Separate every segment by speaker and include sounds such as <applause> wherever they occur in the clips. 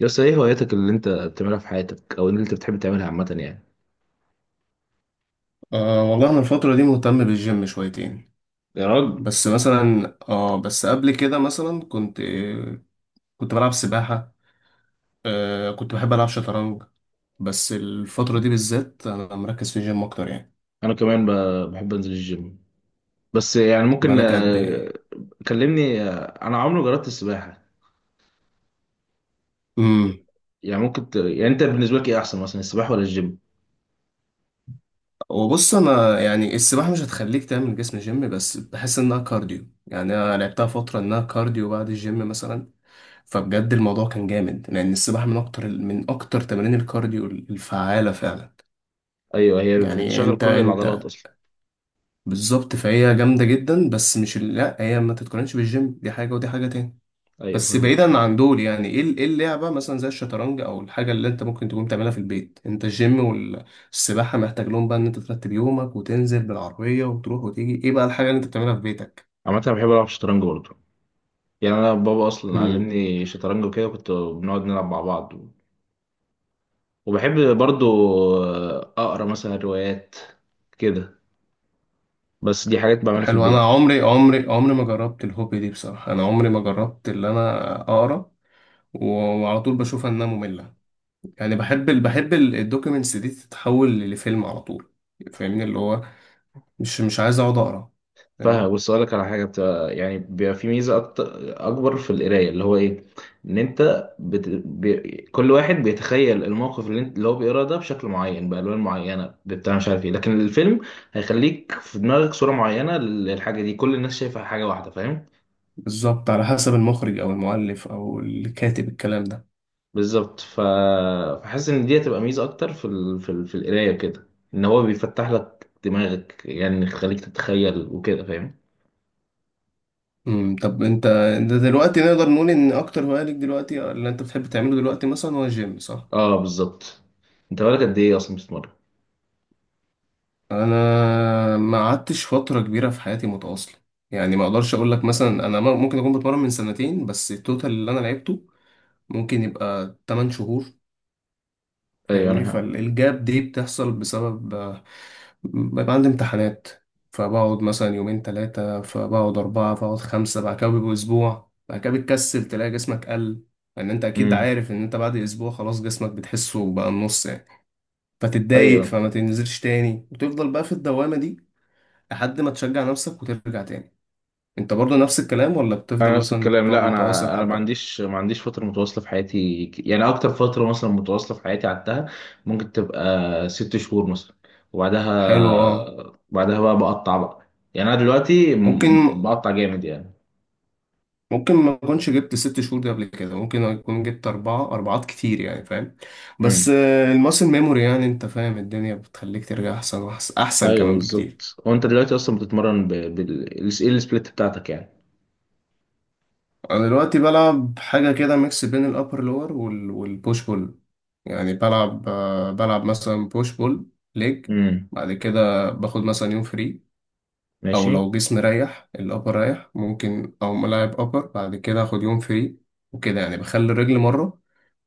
Speaker 1: يس ايه هواياتك اللي انت بتعملها في حياتك او اللي انت بتحب تعملها عامة يعني.
Speaker 2: أه والله أنا الفترة دي مهتم بالجيم شويتين.
Speaker 1: يا راجل،
Speaker 2: بس مثلا بس قبل كده مثلا كنت بلعب سباحة. كنت بحب ألعب شطرنج. بس الفترة دي بالذات أنا مركز في الجيم أكتر يعني.
Speaker 1: انا كمان بحب انزل الجيم. بس يعني ممكن
Speaker 2: بقالك قد إيه؟
Speaker 1: كلمني. انا عمري ما جربت السباحة.
Speaker 2: أمم.
Speaker 1: يعني ممكن يعني انت بالنسبة لك ايه احسن مثلا، السباحة ولا الجيم؟
Speaker 2: وبص، أنا يعني السباحة مش هتخليك تعمل جسم جيم، بس بحس إنها كارديو، يعني أنا لعبتها فترة إنها كارديو بعد الجيم مثلا. فبجد الموضوع كان جامد لأن السباحة من أكتر من أكتر تمارين الكارديو الفعالة فعلا.
Speaker 1: ايوه هي
Speaker 2: يعني
Speaker 1: بتشغل
Speaker 2: انت
Speaker 1: كل العضلات
Speaker 2: انت
Speaker 1: اصلا.
Speaker 2: بالظبط، فهي جامدة جدا، بس مش لا هي ما تتقارنش بالجيم، دي حاجة ودي حاجة تاني.
Speaker 1: ايوه
Speaker 2: بس
Speaker 1: فاهم.
Speaker 2: بعيدا عن دول، يعني ايه ايه اللعبة مثلا زي الشطرنج او الحاجة اللي انت ممكن تكون بتعملها في البيت؟ انت الجيم والسباحة محتاج لهم بقى ان انت ترتب يومك وتنزل بالعربية وتروح وتيجي، ايه بقى الحاجة اللي انت بتعملها في بيتك؟
Speaker 1: عامة انا بحب العب شطرنج برضه. يعني انا بابا اصلا
Speaker 2: مم.
Speaker 1: علمني شطرنج وكده، كنت بنقعد نلعب مع بعض. وبحب برضه اقرا مثلا روايات كده. بس دي حاجات بعملها في
Speaker 2: حلو، انا
Speaker 1: البيت.
Speaker 2: عمري ما جربت الهوبي دي بصراحه، انا عمري ما جربت اللي انا اقرا و- وعلى طول بشوفها انها ممله. يعني بحب بحب الدوكيومنتس دي تتحول لفيلم على طول، فاهمني اللي هو مش عايز اقعد اقرا
Speaker 1: فاهم؟
Speaker 2: يعني.
Speaker 1: بص اقول لك على حاجه بتبقى يعني بيبقى في ميزه أكتر، اكبر في القرايه، اللي هو ايه؟ ان انت كل واحد بيتخيل الموقف اللي هو بيقراه ده بشكل معين، بالوان معينه، بتاع مش عارف ايه. لكن الفيلم هيخليك في دماغك صوره معينه للحاجه دي. كل الناس شايفه حاجه واحده، فاهم؟
Speaker 2: بالظبط، على حسب المخرج او المؤلف او الكاتب، الكلام ده.
Speaker 1: بالظبط فحاسس ان دي هتبقى ميزه اكتر في في القرايه كده، ان هو بيفتح لك دماغك، يعني يخليك تتخيل وكده. فاهم؟
Speaker 2: طب، انت دلوقتي نقدر نقول ان اكتر هوايه ليك دلوقتي اللي انت بتحب تعمله دلوقتي مثلا هو الجيم، صح؟
Speaker 1: اه بالظبط. انت بالك قد ايه اصلا بتتمرن؟
Speaker 2: انا ما قعدتش فتره كبيره في حياتي متواصله، يعني ما اقدرش اقول لك مثلا انا ممكن اكون بتمرن من سنتين، بس التوتال اللي انا لعبته ممكن يبقى 8 شهور.
Speaker 1: ايوه
Speaker 2: فاهمني،
Speaker 1: انا.
Speaker 2: فالجاب دي بتحصل بسبب بيبقى عندي امتحانات، فبقعد مثلا يومين تلاتة، فبقعد أربعة، فبقعد خمسة، بعد كده بيبقوا أسبوع، بعد كده بتكسل تلاقي جسمك قل. لأن أنت أكيد
Speaker 1: امم.
Speaker 2: عارف إن أنت بعد أسبوع خلاص جسمك بتحسه بقى النص يعني، فتتضايق
Speaker 1: ايوه
Speaker 2: فما تنزلش تاني وتفضل بقى في الدوامة دي لحد ما تشجع نفسك وترجع تاني. أنت برضه نفس الكلام، ولا بتفضل
Speaker 1: انا نفس
Speaker 2: مثلا
Speaker 1: الكلام.
Speaker 2: تقعد
Speaker 1: لا
Speaker 2: متواصل
Speaker 1: انا، انا ما
Speaker 2: حبة؟
Speaker 1: عنديش ما عنديش فتره متواصله في حياتي. يعني اكتر فتره مثلا متواصله في حياتي قعدتها ممكن تبقى ست شهور مثلا.
Speaker 2: حلو أه.
Speaker 1: وبعدها بقى بقطع بقى. يعني انا دلوقتي
Speaker 2: ممكن
Speaker 1: بقطع جامد يعني.
Speaker 2: ممكن ما اكونش جبت ست شهور دي قبل كده، ممكن اكون جبت اربعة اربعات كتير يعني، فاهم. بس
Speaker 1: امم.
Speaker 2: الماسل ميموري، يعني انت فاهم الدنيا بتخليك ترجع احسن احسن
Speaker 1: ايوه
Speaker 2: كمان بكتير.
Speaker 1: بالظبط. وانت دلوقتي اصلا بتتمرن بال ايه؟ السبليت بتاعتك يعني.
Speaker 2: انا دلوقتي بلعب حاجة كده ميكس بين الابر لور والبوش بول. يعني بلعب، بلعب مثلا بوش بول ليج،
Speaker 1: امم.
Speaker 2: بعد كده باخد مثلا يوم فري، او
Speaker 1: ماشي.
Speaker 2: لو جسمي رايح الابر رايح ممكن، او ملاعب ابر بعد كده اخد يوم فري وكده، يعني بخلي الرجل مرة،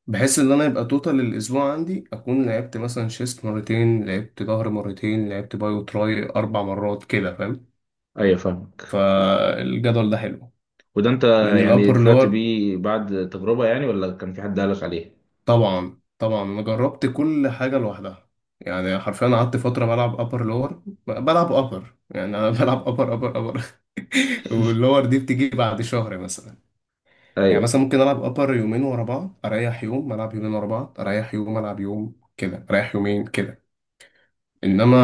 Speaker 2: بحيث ان انا يبقى توتال الاسبوع عندي اكون لعبت مثلا شيست مرتين، لعبت ظهر مرتين، لعبت باي وتراي اربع مرات كده فاهم.
Speaker 1: ايوه فاهمك.
Speaker 2: فالجدول ده حلو
Speaker 1: وده انت
Speaker 2: لان
Speaker 1: يعني
Speaker 2: الابر
Speaker 1: طلعت
Speaker 2: لور.
Speaker 1: بيه بعد تجربه، يعني ولا كان في حد قالك عليه؟
Speaker 2: طبعا طبعا انا جربت كل حاجه لوحدها، يعني حرفيا قعدت فتره بلعب ابر لور بلعب ابر، يعني انا <laughs> بلعب ابر. <laughs> واللور دي بتيجي بعد شهر مثلا. يعني
Speaker 1: ايوه
Speaker 2: مثلا ممكن العب ابر يومين ورا بعض اريح يوم، العب يومين ورا بعض اريح يوم، العب يوم كده اريح يومين كده، انما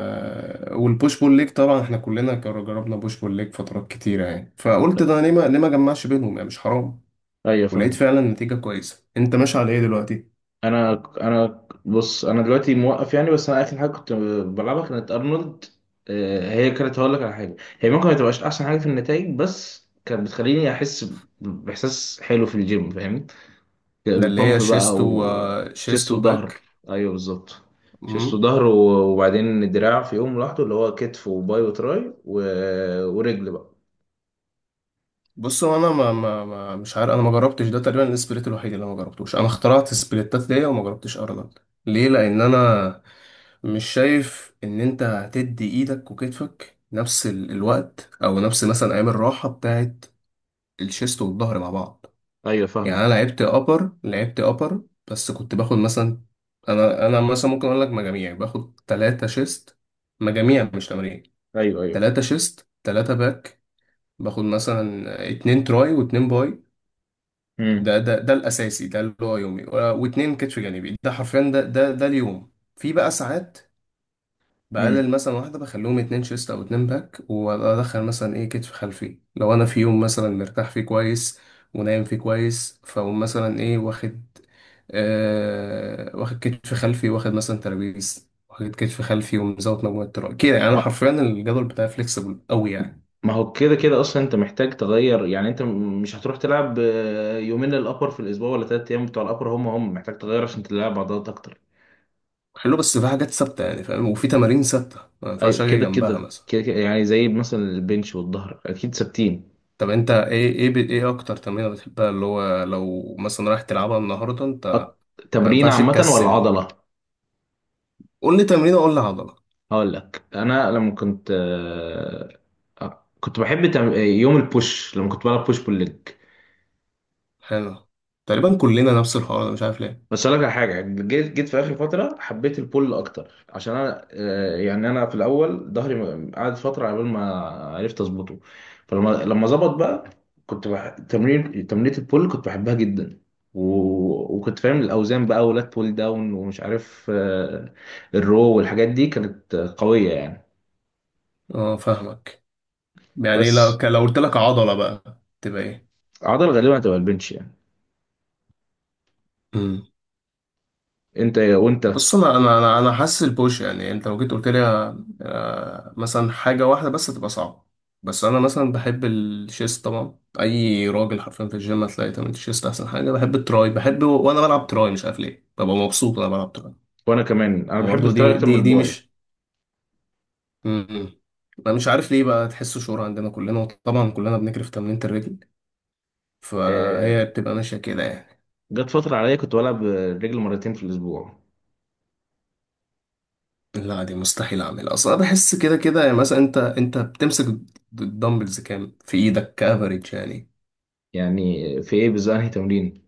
Speaker 2: والبوش بول ليج طبعا احنا كلنا جربنا بوش بول ليج فترات كتيره يعني، فقلت ده ليه ما ليه ما جمعش بينهم يعني، مش حرام.
Speaker 1: ايوه
Speaker 2: ولقيت
Speaker 1: فاهم.
Speaker 2: فعلا نتيجه كويسه. انت ماشي على ايه دلوقتي؟
Speaker 1: انا بص، انا دلوقتي موقف يعني، بس انا اخر حاجه كنت بلعبها كانت ارنولد. هي كانت، هقول لك على حاجه، هي ممكن ما تبقاش احسن حاجه في النتائج، بس كانت بتخليني احس باحساس حلو في الجيم. فاهم؟
Speaker 2: ده اللي هي
Speaker 1: البامب بقى
Speaker 2: شيست
Speaker 1: وشيست وظهر.
Speaker 2: وباك.
Speaker 1: ايوه بالظبط. شيست
Speaker 2: امم.
Speaker 1: وظهر وبعدين الدراع في يوم لوحده، اللي هو كتف وباي وتراي و... ورجل بقى.
Speaker 2: بص، هو انا ما... ما... ما مش عارف، انا ما جربتش ده، تقريبا السبليت الوحيد اللي أنا ما جربتوش. انا اخترعت السبليتات دي وما جربتش ارنولد ليه، لان انا مش شايف ان انت هتدي ايدك وكتفك نفس الوقت او نفس مثلا ايام الراحه بتاعت الشيست والظهر مع بعض.
Speaker 1: ايوه
Speaker 2: يعني انا
Speaker 1: فاهمك.
Speaker 2: لعبت ابر لعبت ابر، بس كنت باخد مثلا، انا مثلا ممكن اقول لك مجاميع، باخد ثلاثة شيست، مجاميع مش تمارين،
Speaker 1: ايوه ايوه.
Speaker 2: ثلاثة شيست ثلاثة باك، باخد مثلا اتنين تراي واتنين باي، ده ده الاساسي، ده اللي هو يومي، واتنين كتف جانبي، ده حرفيا، ده ده اليوم في بقى ساعات.
Speaker 1: امم.
Speaker 2: بقلل مثلا واحدة، بخليهم اتنين شيست أو اتنين باك وأدخل مثلا إيه كتف خلفي لو أنا في يوم مثلا مرتاح فيه كويس ونايم فيه كويس، فأقوم مثلا إيه واخد، آه واخد كتف خلفي، واخد مثلا ترابيز، واخد كتف خلفي، ومزود مجموعة تراي كده، يعني أنا حرفيا الجدول بتاعي فليكسبل أوي يعني.
Speaker 1: ما هو كده كده اصلا انت محتاج تغير. يعني انت مش هتروح تلعب يومين للابر في الاسبوع ولا ثلاث ايام بتوع الابر، هم محتاج تغير عشان تلعب عضلات اكتر.
Speaker 2: حلو، بس في حاجات ثابتة يعني، فاهم، وفي تمارين ثابتة ما
Speaker 1: ايوه
Speaker 2: ينفعش أجي
Speaker 1: كده
Speaker 2: جنبها
Speaker 1: كده
Speaker 2: مثلا.
Speaker 1: كده كده، يعني زي مثلا البنش والظهر اكيد ثابتين.
Speaker 2: طب أنت إيه، إيه إيه أكتر تمرينة بتحبها، اللي هو لو مثلا رايح تلعبها النهاردة أنت؟ ما
Speaker 1: تمرين
Speaker 2: ينفعش
Speaker 1: عامه ولا
Speaker 2: تكسل،
Speaker 1: عضله؟
Speaker 2: قول لي تمرين، اقول لي عضله.
Speaker 1: هقول لك، انا لما كنت كنت بحب يوم البوش لما كنت بلعب بوش بول ليج.
Speaker 2: حلو، تقريبا كلنا نفس الحوار ده، مش عارف ليه.
Speaker 1: بس اقول لك على حاجه، جيت في اخر فتره حبيت البول اكتر، عشان انا يعني انا في الاول ظهري قعد فتره على بال ما عرفت اظبطه. فلما ظبط بقى، كنت تمرين تمرينة البول كنت بحبها جدا. و... وكنت فاهم الاوزان بقى، ولات بول داون ومش عارف الرو والحاجات دي كانت قويه يعني.
Speaker 2: اه فاهمك. يعني لو
Speaker 1: بس
Speaker 2: لو قلت لك عضله بقى تبقى ايه؟
Speaker 1: عضل غالبا هتبقى البنش يعني.
Speaker 2: امم.
Speaker 1: انت
Speaker 2: بص، انا حاسس البوش، يعني انت لو جيت قلت لي مثلا حاجه واحده بس تبقى صعبه، بس انا مثلا بحب الشيست. طبعا اي راجل حرفيا في الجيم هتلاقي تمرين الشيست احسن حاجه. بحب التراي، بحب وانا بلعب تراي مش عارف ليه ببقى مبسوط وانا بلعب تراي.
Speaker 1: وانا كمان، انا بحب
Speaker 2: برضه
Speaker 1: التراي
Speaker 2: دي
Speaker 1: اكتر من
Speaker 2: دي دي
Speaker 1: الباي.
Speaker 2: مش. امم، انا مش عارف ليه بقى، تحسه شعور عندنا كلنا، وطبعا كلنا بنجري في تمرينة الرجل،
Speaker 1: آه،
Speaker 2: فهي بتبقى ماشيه كده يعني.
Speaker 1: جت فتره عليا كنت بلعب الرجل مرتين في الاسبوع.
Speaker 2: لا دي مستحيل اعملها اصلا، بحس كده كده يعني، مثلا انت بتمسك الدمبلز كام في ايدك كافريج يعني؟
Speaker 1: يعني في ايه بالظبط، انهي تمرين؟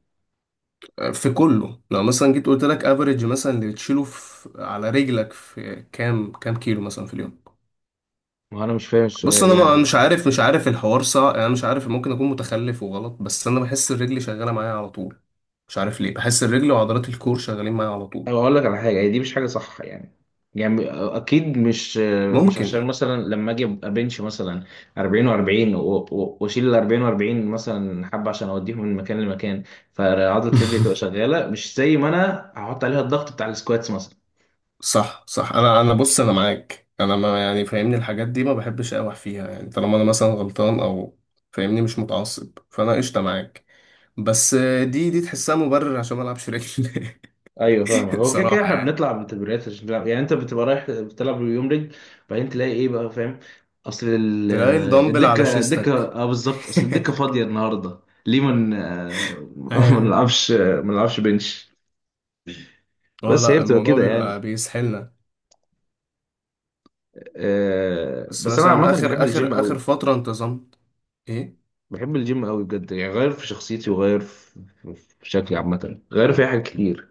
Speaker 2: في كله، لو مثلا جيت قلت لك افريج مثلا اللي بتشيله في على رجلك في كام كيلو مثلا في اليوم؟
Speaker 1: ما انا مش فاهم
Speaker 2: بص،
Speaker 1: السؤال
Speaker 2: انا مش
Speaker 1: يعني.
Speaker 2: عارف، مش عارف الحوار صح، انا مش عارف ممكن اكون متخلف وغلط، بس انا بحس الرجل شغاله معايا على طول، مش عارف ليه بحس الرجل وعضلات الكور شغالين معايا على طول.
Speaker 1: أو اقول لك على حاجه، هي دي مش حاجه صح يعني، يعني اكيد مش، مش
Speaker 2: ممكن.
Speaker 1: عشان مثلا لما اجي ابقى بنش مثلا 40 و40 واشيل ال 40 و40 مثلا حبه عشان اوديهم من مكان لمكان، فعضله رجلي تبقى
Speaker 2: <laughs>
Speaker 1: شغاله، مش زي ما انا هحط عليها الضغط بتاع السكواتس مثلا.
Speaker 2: صح صح، انا بص، انا معاك، انا ما يعني فاهمني الحاجات دي ما بحبش اقوح فيها، يعني طالما انا مثلا غلطان او فاهمني مش متعصب فانا قشطه معاك. بس دي تحسها مبرر عشان ما العبش رجل.
Speaker 1: ايوه فاهمك.
Speaker 2: <laughs>
Speaker 1: هو كده كده
Speaker 2: بصراحه
Speaker 1: احنا
Speaker 2: يعني
Speaker 1: بنطلع من تمرينات عشان نلعب. يعني انت بتبقى رايح بتلعب يوم رجل بعدين تلاقي ايه بقى، فاهم؟ اصل
Speaker 2: تلاقي الدمبل على
Speaker 1: الدكه، الدكه.
Speaker 2: شيستك.
Speaker 1: اه بالظبط، اصل الدكه فاضيه
Speaker 2: <laughs>
Speaker 1: النهارده. ليه من <laughs> ما ن- آه، <laughs> ما
Speaker 2: ايوه.
Speaker 1: نلعبش ما نلعبش بنش؟
Speaker 2: اه
Speaker 1: بس هي
Speaker 2: لا،
Speaker 1: بتبقى
Speaker 2: الموضوع
Speaker 1: كده
Speaker 2: بيبقى
Speaker 1: يعني.
Speaker 2: بيسحلنا. بس
Speaker 1: بس انا عامه
Speaker 2: مثلا
Speaker 1: بحب
Speaker 2: آخر
Speaker 1: الجيم
Speaker 2: آخر آخر
Speaker 1: قوي.
Speaker 2: فترة انتظمت. إيه؟
Speaker 1: بحب الجيم قوي بجد، يعني غير في شخصيتي وغير في شكلي عامه، غير في حاجات كتير.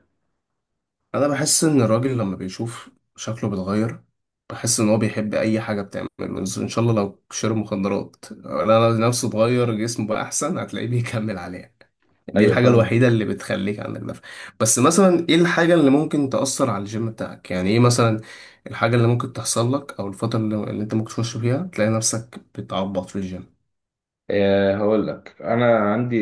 Speaker 2: أنا بحس إن الراجل لما بيشوف شكله بيتغير، بحس إن هو بيحب أي حاجة بتعمله، بس إن شاء الله لو شرب مخدرات أنا نفسه اتغير جسمه بقى أحسن هتلاقيه بيكمل عليها. دي
Speaker 1: ايوه
Speaker 2: الحاجة الوحيدة
Speaker 1: فاهمك.
Speaker 2: اللي بتخليك عندك دفع. بس مثلا إيه الحاجة اللي ممكن تأثر على الجيم بتاعك؟ يعني إيه مثلا الحاجة اللي ممكن تحصل لك، أو الفترة اللي أنت ممكن تخش فيها تلاقي نفسك بتعبط في الجيم؟
Speaker 1: هقول لك، انا عندي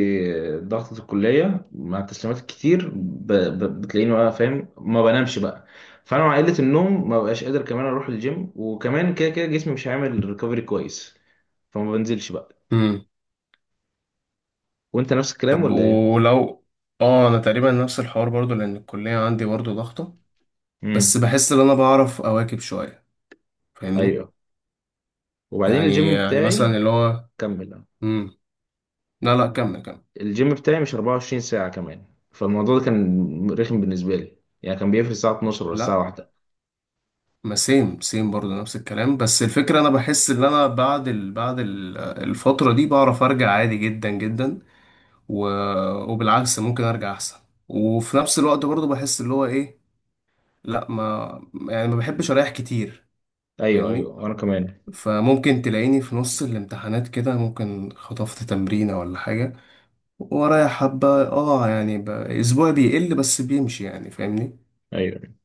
Speaker 1: ضغطة الكلية مع التسليمات الكتير بتلاقيني بقى فاهم ما بنامش بقى. فانا مع قلة النوم ما بقاش قادر كمان اروح الجيم، وكمان كده كده جسمي مش هيعمل ريكفري كويس، فما بنزلش بقى. وانت نفس الكلام
Speaker 2: طب
Speaker 1: ولا ايه؟
Speaker 2: ولو، اه انا تقريبا نفس الحوار برضو لان الكلية عندي برضو ضغطة، بس
Speaker 1: امم.
Speaker 2: بحس ان انا بعرف اواكب شوية فاهمني.
Speaker 1: ايوه. وبعدين
Speaker 2: يعني
Speaker 1: الجيم
Speaker 2: يعني
Speaker 1: بتاعي.
Speaker 2: مثلا اللي هو،
Speaker 1: كمل.
Speaker 2: امم. لا لا، كمل كمل.
Speaker 1: الجيم بتاعي مش 24 ساعة كمان، فالموضوع ده كان رخم بالنسبة لي. يعني كان بيقفل الساعة 12 ولا الساعة
Speaker 2: لا
Speaker 1: 1.
Speaker 2: ما، سيم سيم برضو نفس الكلام، بس الفكرة انا بحس ان انا الفترة دي بعرف ارجع عادي جدا جدا، و... وبالعكس ممكن ارجع احسن، وفي نفس الوقت برضو بحس اللي هو ايه، لا ما، يعني ما بحبش اريح كتير
Speaker 1: ايوه
Speaker 2: فاهمني،
Speaker 1: ايوه انا كمان.
Speaker 2: فممكن تلاقيني في نص الامتحانات كده ممكن خطفت تمرينة ولا حاجة، ورايا حبة اه يعني اسبوعي بيقل بس بيمشي يعني فاهمني
Speaker 1: ايوه.